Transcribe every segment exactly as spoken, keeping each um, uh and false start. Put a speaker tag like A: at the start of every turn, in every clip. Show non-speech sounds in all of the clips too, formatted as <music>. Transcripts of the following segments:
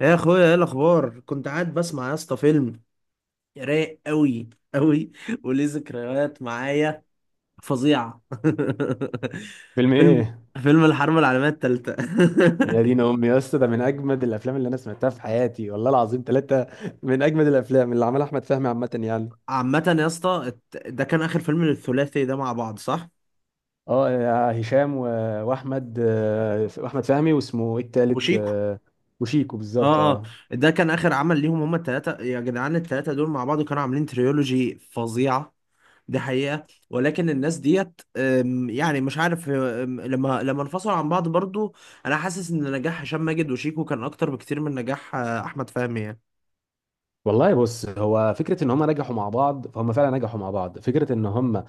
A: يا اخويا، ايه الاخبار؟ كنت قاعد بسمع يا اسطى فيلم. رايق قوي قوي، وليه ذكريات معايا فظيعه.
B: فيلم
A: <laughs> فيلم
B: ايه؟
A: فيلم الحرب العالميه الثالثه.
B: يا دين امي يا اسطى، ده من اجمد الافلام اللي انا سمعتها في حياتي والله العظيم. ثلاثه من اجمد الافلام اللي عملها احمد فهمي عامه، يعني.
A: <laughs> عامه يا اسطى، الت- ده كان اخر فيلم للثلاثي ده مع بعض، صح؟
B: اه، يا هشام و... واحمد آه، واحمد فهمي، واسمه ايه التالت؟
A: وشيكو.
B: آه، وشيكو، بالظبط،
A: اه، اه.
B: اه.
A: ده كان اخر عمل ليهم، هما الثلاثه. يا جدعان، الثلاثه دول مع بعض كانوا عاملين تريولوجي فظيعه. دي حقيقة، ولكن الناس ديت، أم، يعني مش عارف، أم، لما لما انفصلوا عن بعض برضو، انا حاسس ان نجاح هشام ماجد وشيكو كان اكتر بكتير من نجاح آه، احمد فهمي يعني.
B: والله، بص، هو فكره ان هم نجحوا مع بعض، فهم فعلا نجحوا مع بعض. فكره ان هم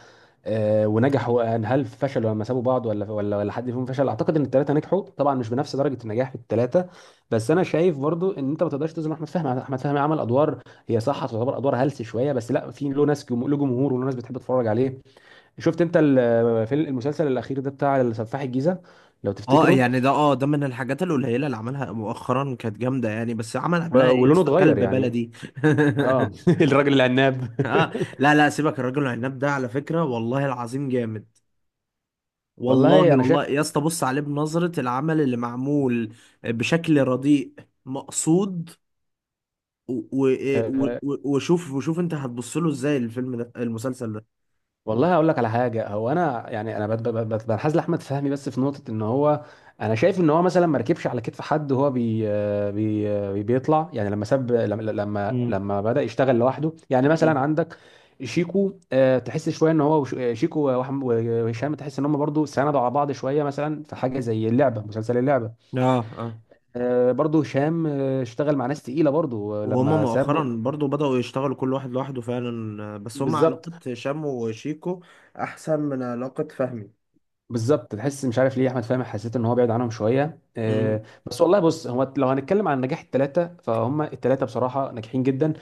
B: آه، ونجحوا، يعني هل فشلوا لما سابوا بعض؟ ولا ولا ولا حد فيهم فشل. اعتقد ان الثلاثه نجحوا طبعا، مش بنفس درجه النجاح في الثلاثه. بس انا شايف برضو ان انت ما تقدرش تظلم احمد فهمي. احمد فهمي عمل ادوار، هي صح تعتبر ادوار هلس شويه، بس لا، في له ناس جم- له جمهور، وله ناس بتحب تتفرج عليه. شفت انت ال- في المسلسل الاخير ده، بتاع سفاح الجيزه، لو
A: اه،
B: تفتكره؟
A: يعني ده، اه ده من الحاجات القليلة اللي عملها مؤخرا كانت جامدة يعني، بس عمل
B: و-
A: قبلها ايه يا
B: ولونه
A: اسطى؟
B: اتغير،
A: كلب
B: يعني.
A: بلدي.
B: اه <laughs> الراجل العناب.
A: <laughs> اه. لا لا، سيبك الراجل العناب ده، على فكرة والله العظيم جامد.
B: <laughs> والله
A: والله
B: انا
A: والله يا اسطى، بص عليه بنظرة العمل اللي معمول بشكل رديء مقصود. و- و- إيه، و-
B: شايف.
A: وشوف وشوف انت هتبص له ازاي الفيلم ده، المسلسل ده.
B: والله هقول لك على حاجه. هو انا يعني انا بت- بت- بت- بنحاز لاحمد فهمي، بس في نقطه ان هو. انا شايف ان هو مثلا ما ركبش على كتف حد، وهو بي آه، بي آه، بيطلع، يعني لما ساب، لما لما
A: امم.
B: لما بدا يشتغل لوحده. يعني مثلا
A: امم.
B: عندك شيكو، آه، تحس شويه ان هو وش- آه، شيكو وأحم- وهشام، تحس ان هم برضو ساندوا على بعض شويه، مثلا في حاجه زي اللعبه، مسلسل اللعبه.
A: اه، اه،
B: آه، برضو هشام آه، اشتغل مع ناس تقيله برضو، آه،
A: وهما
B: لما ساب.
A: مؤخرا برضو بدأوا يشتغلوا كل واحد لوحده فعلا، بس هما
B: بالظبط،
A: علاقة هشام وشيكو أحسن من علاقة فهمي.
B: بالظبط. تحس مش عارف ليه احمد فهمي، حسيت ان هو بعيد عنهم شويه، آه،
A: امم
B: بس والله بص، هو لو هنتكلم عن نجاح الثلاثه، فهم الثلاثه بصراحه ناجحين جدا.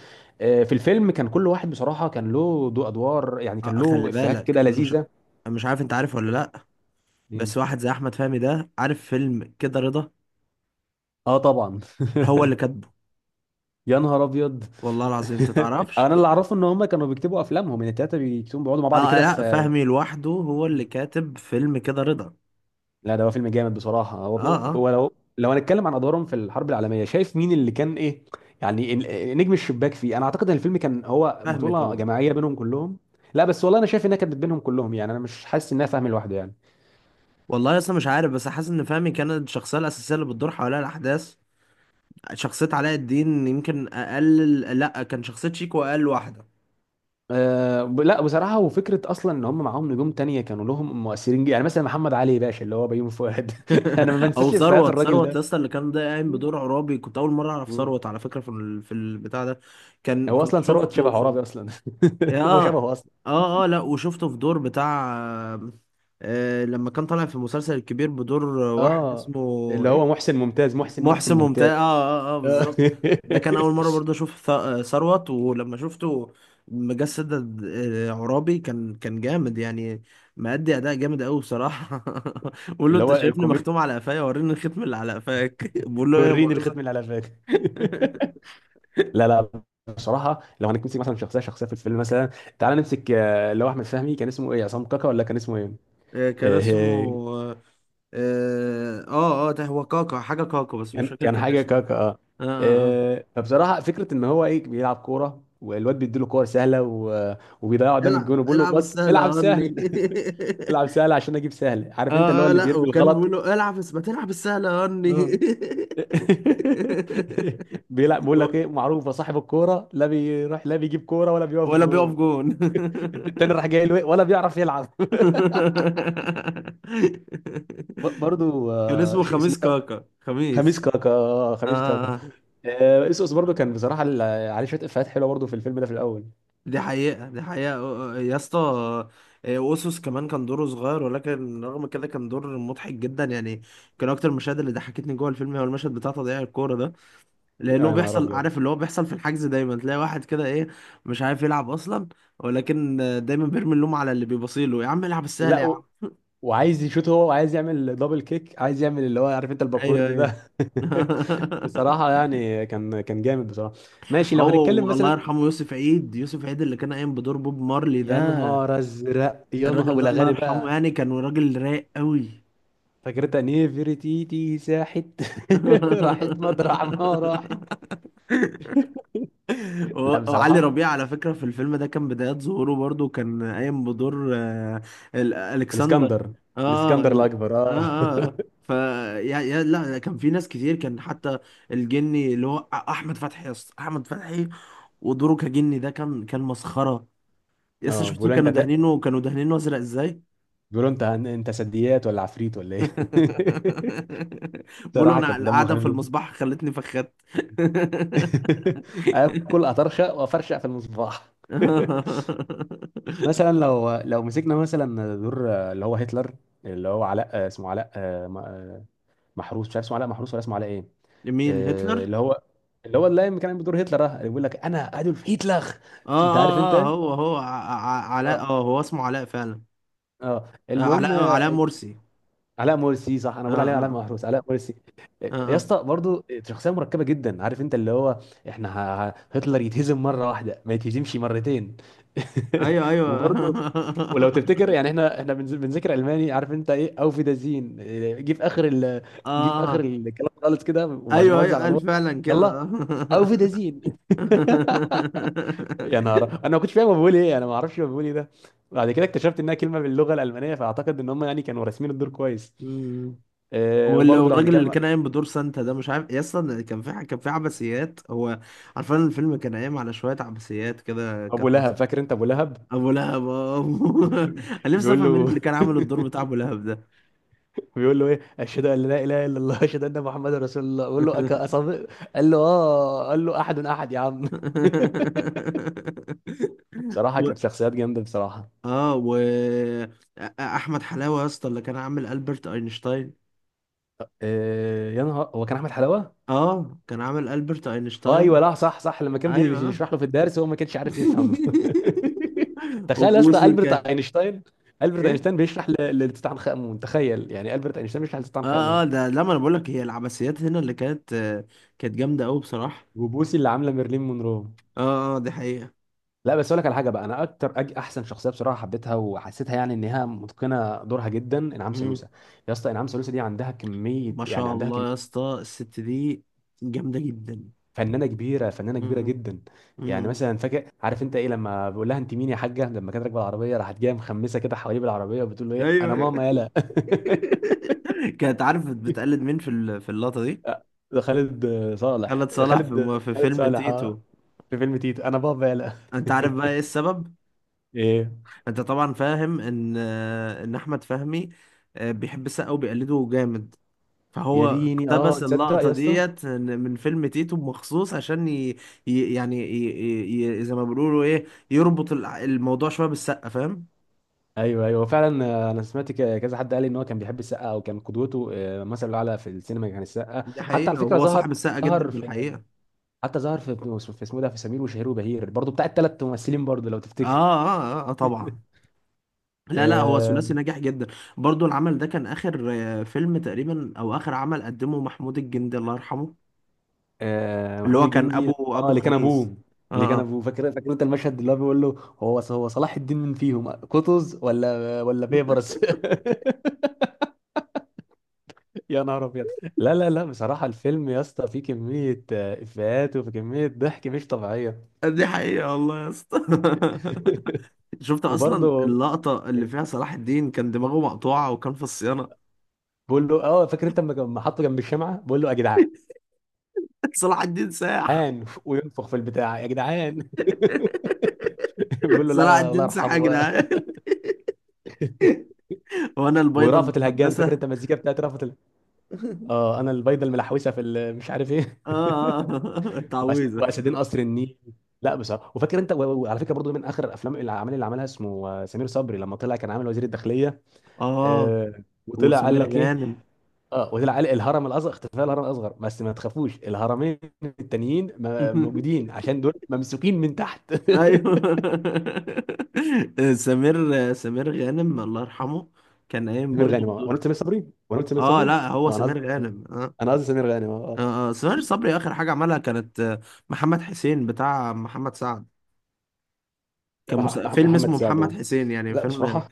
B: آه، في الفيلم كان كل واحد بصراحه كان له دو ادوار، يعني كان
A: آه، خلي
B: له افيهات
A: بالك،
B: كده
A: أنا مش
B: لذيذه.
A: أنا مش عارف أنت عارف ولا لأ. بس واحد زي أحمد فهمي ده، عارف فيلم كده رضا؟
B: اه، طبعا
A: هو اللي
B: <laughs>
A: كاتبه،
B: يا نهار ابيض
A: والله العظيم أنت
B: <laughs>
A: تعرفش.
B: انا اللي اعرفه ان هم كانوا بيكتبوا افلامهم، يعني الثلاثه بيكتبوا، بيقعدوا مع بعض
A: أه،
B: كده
A: لأ،
B: في
A: فهمي لوحده هو اللي كاتب فيلم كده رضا.
B: لا، ده هو فيلم جامد بصراحة.
A: أه،
B: هو
A: أه.
B: هو لو لو هنتكلم عن أدوارهم في الحرب العالمية، شايف مين اللي كان إيه؟ يعني ال- نجم الشباك فيه، أنا أعتقد إن الفيلم كان هو
A: فهمي
B: بطولة
A: طبعا.
B: جماعية بينهم كلهم. لا بس والله أنا شايف إنها كانت بينهم كلهم، يعني أنا مش حاسس إنها فاهم لوحده، يعني.
A: والله اصلا مش عارف، بس حاسس ان فهمي كانت الشخصيه الاساسيه اللي بتدور حواليها الاحداث. شخصيه علاء الدين يمكن اقل. لا، كان شخصيه شيكو اقل واحده.
B: أه، ب- لا بصراحة، وفكرة أصلا إن هم معاهم نجوم تانية كانوا لهم مؤثرين جدا، يعني مثلا محمد علي باشا اللي هو بيومي فؤاد <laughs> أنا ما
A: <laughs> او
B: بنساش إفيهات
A: ثروت.
B: الراجل
A: ثروت
B: ده.
A: لسه اللي كان ده قايم بدور عرابي، كنت اول مره اعرف ثروت على فكره في ال- في البتاع ده. كان
B: هو
A: كنت
B: أصلا ثروت شبه
A: شفته في.
B: عرابي أصلا. <laughs> هو
A: اه،
B: شبهه أصلا.
A: اه، اه. لا، وشفته في دور بتاع آه لما كان طالع في المسلسل الكبير بدور واحد
B: اه،
A: اسمه.
B: اللي هو
A: إيه؟
B: محسن ممتاز، محسن محسن
A: محسن ممتاز.
B: ممتاز.
A: اه، اه، اه،
B: آه.
A: بالظبط. ده كان اول مره
B: <laughs>
A: برضه اشوف ث- آه، ثروت، ولما شفته مجسد آه، عرابي، كان كان جامد يعني. مأدي اداء جامد قوي بصراحه. <laughs> بقول له:
B: اللي
A: انت
B: هو
A: شايفني
B: الكوميدي،
A: مختوم على قفايا؟ وريني الختم اللي على قفاك. <laughs> بقول له ايه؟ يا
B: وريني
A: مؤاخذه.
B: الختم اللي على فاك <laughs>
A: <laughs>
B: لا، لا. بصراحه لو هنمسك مثلا شخصيه شخصيه في الفيلم مثلا، تعال نمسك آه، اللي هو احمد فهمي. كان اسمه ايه، عصام كاكا ولا كان اسمه ايه؟
A: آه، كان
B: آه،
A: اسمه. اه، اه، آه، ده هو كاكا، حاجه كاكا، بس مش
B: كان
A: فاكر
B: كان
A: كان
B: حاجه
A: اسمه.
B: كاكا، اه.
A: اه، اه، اه.
B: آه، فبصراحه فكره ان هو ايه، بيلعب كوره، والواد بيديله كور سهله و- وبيضيعها قدام الجون،
A: العب
B: وبيقول له
A: العب
B: بس
A: السهله يا
B: العب
A: هني.
B: سهل <laughs> العب
A: <laughs>
B: سهل عشان اجيب سهل، عارف انت اللي هو
A: اه، آه،
B: اللي
A: لا،
B: بيرمي
A: وكان بيقول
B: الغلط
A: له: العب بس ما تلعب السهلة يا هني.
B: <laughs> بيلعب،
A: <laughs>
B: بيقول لك
A: و-
B: ايه معروفه، صاحب الكوره لا بيروح، لا بيجيب كوره، ولا بيقف
A: ولا بيقف
B: جون
A: جون.
B: <laughs>
A: <laughs>
B: التاني راح جاي له إيه؟ ولا بيعرف يلعب <laughs> ب- برضو
A: كان
B: آه،
A: اسمه
B: شيء اسمه
A: خميس
B: ده،
A: كاكا،
B: خميس
A: خميس.
B: كاكا آه،
A: اه.
B: خميس
A: آه.
B: كاكا.
A: آه.
B: آه، اسقس برضو كان بصراحه ال- عليه شويه افيهات حلوه برضو في الفيلم ده في الاول.
A: دي حقيقة، دي حقيقة، آه، آه، يا اسطى. آه، اوسوس كمان كان دوره صغير، ولكن رغم كده كان دور مضحك جدا يعني. كان اكتر المشاهد اللي ضحكتني جوه الفيلم هو المشهد بتاع تضييع الكورة، لانه
B: يا نهار
A: بيحصل،
B: ابيض.
A: عارف اللي هو بيحصل في الحجز، دايما تلاقي واحد كده ايه، مش عارف يلعب اصلا، ولكن دايما بيرمي اللوم على اللي بيبصيله: يا عم العب السهل
B: لا
A: يا
B: و...
A: عم.
B: وعايز يشوت، هو وعايز يعمل دبل كيك، عايز يعمل اللي هو، عارف انت
A: ايوه،
B: الباكورد
A: ايوه.
B: ده <laughs>
A: <laughs>
B: بصراحه، يعني كان كان جامد بصراحه. ماشي لو هنتكلم
A: هو الله
B: مثلا.
A: يرحمه يوسف عيد، يوسف عيد اللي كان قايم بدور بوب مارلي ده،
B: يا نهار ازرق، يا نهار،
A: الراجل ده الله
B: والاغاني
A: يرحمه
B: بقى،
A: يعني كان راجل رايق قوي.
B: فكرتها نيفرتيتي ساحت <laughs> راحت مطرح ما راحت.
A: <laughs>
B: لا
A: و- وعلي
B: بصراحه،
A: ربيع على فكرة في الفيلم ده كان بدايات ظهوره، برضو كان قايم بدور آه، ال- ألكسندر.
B: الاسكندر
A: اه،
B: الاسكندر
A: ال-
B: الاكبر،
A: اه،
B: اه <laughs>
A: اه، آه. ف يا يا لا، كان في ناس كتير، كان حتى الجني اللي هو، أ- احمد فتحي يا اسطى، احمد فتحي، ودوره كجني ده كان كان مسخرة. يا اسطى،
B: اه،
A: شفتوا
B: بيقولوا انت
A: كانوا
B: ت...
A: دهنينه، كانوا دهنينه ازرق ازاي؟
B: بيقولوا انت انت سديات ولا عفريت ولا ايه <laughs>
A: <laughs> بقولوا
B: بصراحه
A: انا
B: كان دمه
A: القعدة
B: خفيف
A: في
B: جدا
A: المصباح خلتني فخدت.
B: <laughs> اكل، اطرشق وافرشق في المصباح <laughs>
A: <laughs>
B: مثلا لو لو مسكنا مثلا دور اللي هو هتلر، اللي هو علاء، اسمه علاء محروس، مش عارف اسمه علاء محروس ولا اسمه علاء ايه.
A: مين
B: آه،
A: هتلر؟
B: اللي هو اللي هو اللي كان عامل بدور هتلر ده، اللي بيقول لك انا ادولف هتلر،
A: اه،
B: انت عارف انت
A: اه، اه،
B: ايه؟
A: هو، هو ع- ع- علاء.
B: اه،
A: اه، هو اسمه علاء فعلا.
B: اه،
A: آه،
B: المهم،
A: علاء علاء
B: آه،
A: مرسي.
B: علاء مرسي صح، انا
A: اه،
B: بقول عليه علاء
A: اه،
B: محروس، علاء مرسي. آه،
A: اه،
B: يا
A: اه،
B: اسطى برضه شخصيه مركبه جدا، عارف انت اللي هو احنا ه... ه- هتلر يتهزم مره واحده، ما يتهزمش مرتين <laughs>
A: ايوه، ايوه.
B: وبرضه، ولو تفتكر يعني، احنا احنا بنز- بنذاكر الماني، عارف انت ايه، او في دازين، جه في اخر ال...
A: <laughs>
B: جه في اخر
A: اه،
B: الكلام خالص كده، وبعد ما
A: ايوه،
B: وزع
A: ايوه، قال
B: الادوار،
A: فعلا كده.
B: يلا، او في. يا نهار، انا ما كنتش فاهم هو بيقول ايه، انا ما اعرفش هو بيقول ايه ده. بعد كده اكتشفت انها كلمه باللغه الالمانيه، فاعتقد ان هم يعني كانوا راسمين الدور كويس.
A: <laughs> مم.
B: أه،
A: وال-
B: وبرضه لو
A: والراجل اللي
B: هنتكلم،
A: كان قايم بدور سانتا ده، مش عارف يا اسطى كان في ح- كان في عبثيات هو. عارفين الفيلم كان قايم على شويه عبثيات كده،
B: ابو
A: كانت مصر.
B: لهب، فاكر انت ابو لهب؟
A: ابو لهب. آه.
B: <laughs>
A: <laughs> انا نفسي
B: بيقول
A: افهم مين اللي
B: له
A: كان عامل الدور بتاع ابو لهب ده.
B: <laughs> بيقول له ايه، اشهد ان لا اله الا الله، اشهد ان محمد رسول الله، بيقول له أك-
A: <laughs>
B: أصدق. قال له اه، قال له احد احد يا عم
A: <laughs>
B: <laughs> بصراحه
A: و...
B: كانت شخصيات جامده بصراحه.
A: اه و احمد حلاوه يا اسطى اللي كان عامل البرت اينشتاين.
B: أه، يا نهار، هو كان احمد حلاوه؟
A: اه، كان عامل البرت
B: ايوه،
A: اينشتاين.
B: لا، صح صح، لما كان
A: ايوه.
B: بيشرح له في الدرس هو ما كانش عارف يفهم.
A: <laughs>
B: <laughs> تخيل يا اسطى،
A: وبوسي
B: البرت
A: كان
B: اينشتاين. البرت
A: ايه؟
B: اينشتاين بيشرح ل- لتوتنخ امون، تخيل يعني البرت اينشتاين بيشرح لتوتنخ
A: اه، اه،
B: امون.
A: ده لما انا بقول لك هي العباسيات هنا اللي كانت آه، كانت جامده قوي بصراحه.
B: وبوسي اللي عامله ميرلين مونرو.
A: اه، اه، دي حقيقه.
B: لا بس اقول لك على حاجه بقى، انا اكتر أج... احسن شخصيه بصراحه حبيتها، وحسيتها يعني انها متقنه دورها جدا، انعام
A: مم.
B: سالوسه. يا اسطى، انعام سالوسه دي عندها كميه،
A: ما
B: يعني
A: شاء
B: عندها
A: الله يا
B: كميه.
A: اسطى، الست دي جامده جدا.
B: فنانه كبيره، فنانه كبيره
A: مم.
B: جدا. يعني
A: مم.
B: مثلا فاكر، عارف انت ايه، لما بقول لها انت مين يا حاجه، لما كانت راكبه العربيه، راحت جايه مخمسه كده حواليه بالعربيه، وبتقول له ايه، انا
A: ايوه.
B: ماما يالا <laughs>
A: <laughs> كانت عارف بتقلد مين في ال- في اللقطة دي؟
B: ده خالد صالح،
A: خالد صالح في
B: خالد
A: مو- في
B: خالد
A: فيلم
B: صالح، اه.
A: تيتو.
B: في فيلم تيتو، انا بابا يالا
A: انت عارف بقى ايه السبب؟
B: <laughs> ايه،
A: انت طبعا فاهم ان آه، ان احمد فهمي آه، بيحب السقا وبيقلده جامد،
B: يا
A: فهو
B: ديني، اه
A: اقتبس
B: تصدق
A: اللقطة
B: يا اسطى.
A: ديت من فيلم تيتو مخصوص عشان ي... ي... يعني، ي... ي... زي ما بيقولوا ايه، يربط الع- الموضوع شوية بالسقا، فاهم؟
B: ايوه، ايوه فعلا، آه، انا سمعت ك- كذا حد قال لي ان هو كان بيحب السقا او كان قدوته، آه، مثل اعلى في السينما كان السقا.
A: دي
B: حتى على
A: حقيقة،
B: فكره،
A: وهو
B: ظهر
A: صاحب السقا جدا
B: ظهر
A: في
B: في
A: الحقيقة.
B: حتى ظهر في في اسمه ده، في سمير وشهير وبهير برضه، بتاع الثلاث ممثلين برضه، لو
A: اه،
B: تفتكر.
A: اه، آه، آه، طبعا. لا لا، هو
B: آه
A: ثلاثي ناجح جدا. برضو العمل ده كان اخر آه، فيلم تقريبا، او اخر عمل قدمه محمود الجندي الله يرحمه.
B: آه
A: اللي
B: محمود
A: هو كان
B: الجندي،
A: ابو
B: اه،
A: ابو
B: اللي كان
A: خميس.
B: ابوه
A: اه.
B: اللي كان
A: آه.
B: ابوه فاكر فاكر انت المشهد اللي هو بيقول له، هو هو صلاح الدين من فيهم، قطز ولا ولا بيبرس <laughs> يا نهار ابيض. لا لا لا بصراحه الفيلم يا اسطى فيه كميه آه، افيهات، وفي كميه ضحك مش طبيعيه
A: <laughs> دي حقيقة والله يا اسطى.
B: <laughs>
A: <laughs> شفت اصلا
B: وبرضه،
A: اللقطة اللي فيها صلاح الدين كان دماغه مقطوعة وكان في الصيانة.
B: بقول له اه، فاكر انت لما لما حطه جنب الشمعه، بقول له يا
A: <laughs> صلاح الدين ساح.
B: جدعان، وينفخ في البتاع يا جدعان <laughs> <laughs> بيقول
A: <laughs>
B: له
A: صلاح
B: لا، الله
A: الدين ساح يا
B: يرحمه بقى.
A: جدعان. <laughs> وانا البيضة
B: ورأفت الهجان، فاكر
A: المقدسة.
B: انت المزيكا بتاعت رأفت ال...
A: <laughs>
B: اه، انا البيضه الملحوسه في ال... مش عارف ايه
A: اه، اه. <laughs>
B: <laughs> وأس-
A: التعويذة.
B: واسدين قصر النيل. لا بصراحه، وفاكر انت و- وعلى فكره برضو من اخر الافلام، الاعمال اللي عملها اسمه آه، سمير صبري، لما طلع كان عامل وزير الداخليه،
A: اه،
B: آه وطلع قال
A: وسمير
B: لك ايه،
A: غانم.
B: اه وطلع قال الهرم الاصغر، اختفاء الهرم الاصغر، بس ما تخافوش الهرمين التانيين م-
A: <laughs>
B: موجودين، عشان دول ممسوكين من تحت
A: ايوه.
B: <laughs>
A: <laughs> سمير سمير غانم الله يرحمه، كان قايم
B: سمير
A: برضو
B: غانم. آه. وانا
A: بدور.
B: قلت سمير صبري وانا قلت سمير
A: اه،
B: صبري
A: لا، هو
B: اه، انا قصدي
A: سمير غانم، اه.
B: انا قصدي سمير غانم اه آه.
A: اه. آه. سمير صبري اخر حاجه عملها كانت آه، محمد حسين بتاع محمد سعد. كان مس...
B: مع
A: فيلم
B: محمد
A: اسمه
B: سعد،
A: محمد
B: اه.
A: حسين، يعني
B: لا
A: فيلم.
B: بصراحه،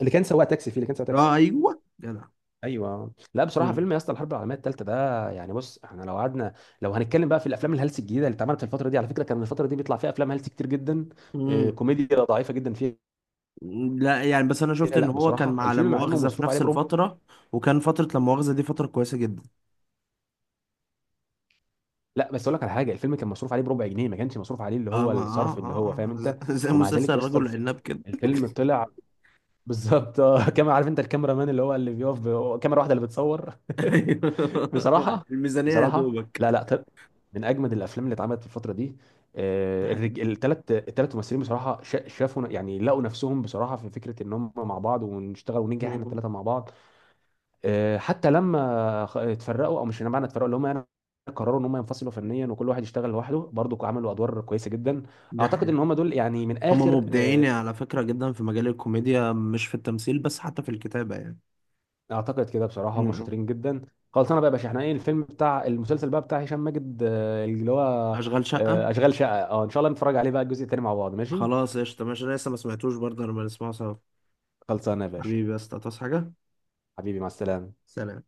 B: اللي كان سواق تاكسي فيه، اللي كان سواق
A: اه،
B: تاكسي.
A: ايوه، جدع.
B: ايوه، لا بصراحه،
A: مم.
B: فيلم يا اسطى الحرب العالميه الثالثه ده، يعني بص احنا لو قعدنا، لو هنتكلم بقى في الافلام الهلس الجديده اللي اتعملت في الفتره دي، على فكره كان الفتره دي بيطلع فيها افلام هلس كتير جدا، آه،
A: مم.
B: كوميديا ضعيفه جدا فيها.
A: لا يعني، بس انا شفت ان
B: لا
A: هو كان
B: بصراحه
A: مع لا
B: الفيلم مع انه
A: مؤاخذه في
B: مصروف عليه
A: نفس
B: بربع.
A: الفتره، وكان فتره لا مؤاخذه دي فتره كويسه جدا.
B: لا بس اقول لك على حاجه، الفيلم كان مصروف عليه بربع جنيه، ما كانش مصروف عليه اللي
A: اه،
B: هو
A: ما، اه،
B: الصرف اللي هو،
A: اه،
B: فاهم انت.
A: آه. <laughs> زي
B: ومع
A: مسلسل
B: ذلك يا اسطى،
A: الرجل
B: الفيلم
A: العناب كده.
B: الفيلم طلع <laughs> بالظبط، آه، كما عارف انت، الكاميرا مان اللي هو اللي بيقف ب- كاميرا واحده اللي بتصور
A: ايوه.
B: <laughs>
A: <laughs>
B: بصراحة،
A: الميزانية يا
B: بصراحة، لا
A: دوبك.
B: لا، طب، من أجمد الأفلام اللي اتعملت في الفترة دي،
A: دي
B: آه،
A: حقيقة.
B: الرج... التلات التلات ممثلين بصراحة شا- شافوا، يعني لقوا نفسهم بصراحة في فكرة إن هم مع بعض، ونشتغل وننجح إحنا
A: مم.
B: التلاتة مع بعض. آه، حتى لما خ- اتفرقوا، أو مش معنى اتفرقوا اللي هم، يعني قرروا إن هم ينفصلوا فنيا، وكل واحد يشتغل لوحده، برضو عملوا أدوار كويسة جدا.
A: دي
B: أعتقد إن
A: حقيقة.
B: هم دول يعني من
A: هما
B: آخر،
A: مبدعين
B: آه،
A: على فكرة جدا في مجال الكوميديا، مش في التمثيل بس حتى في الكتابة يعني.
B: اعتقد كده بصراحه هم
A: مم.
B: شاطرين جدا. خلاص، انا بقى يا باشا، احنا ايه الفيلم، بتاع المسلسل بقى بتاع هشام ماجد آه، اللي هو
A: أشغال شقة.
B: آه، اشغال شقه، اه. ان شاء الله نتفرج عليه بقى الجزء التاني مع بعض، ماشي.
A: خلاص، قشطة، ماشي، أنا لسه ما سمعتوش برضه، لما نسمعه سوا.
B: خلصانه يا باشا.
A: حبيبي، بس تصحى حاجة.
B: حبيبي مع السلامه.
A: سلام.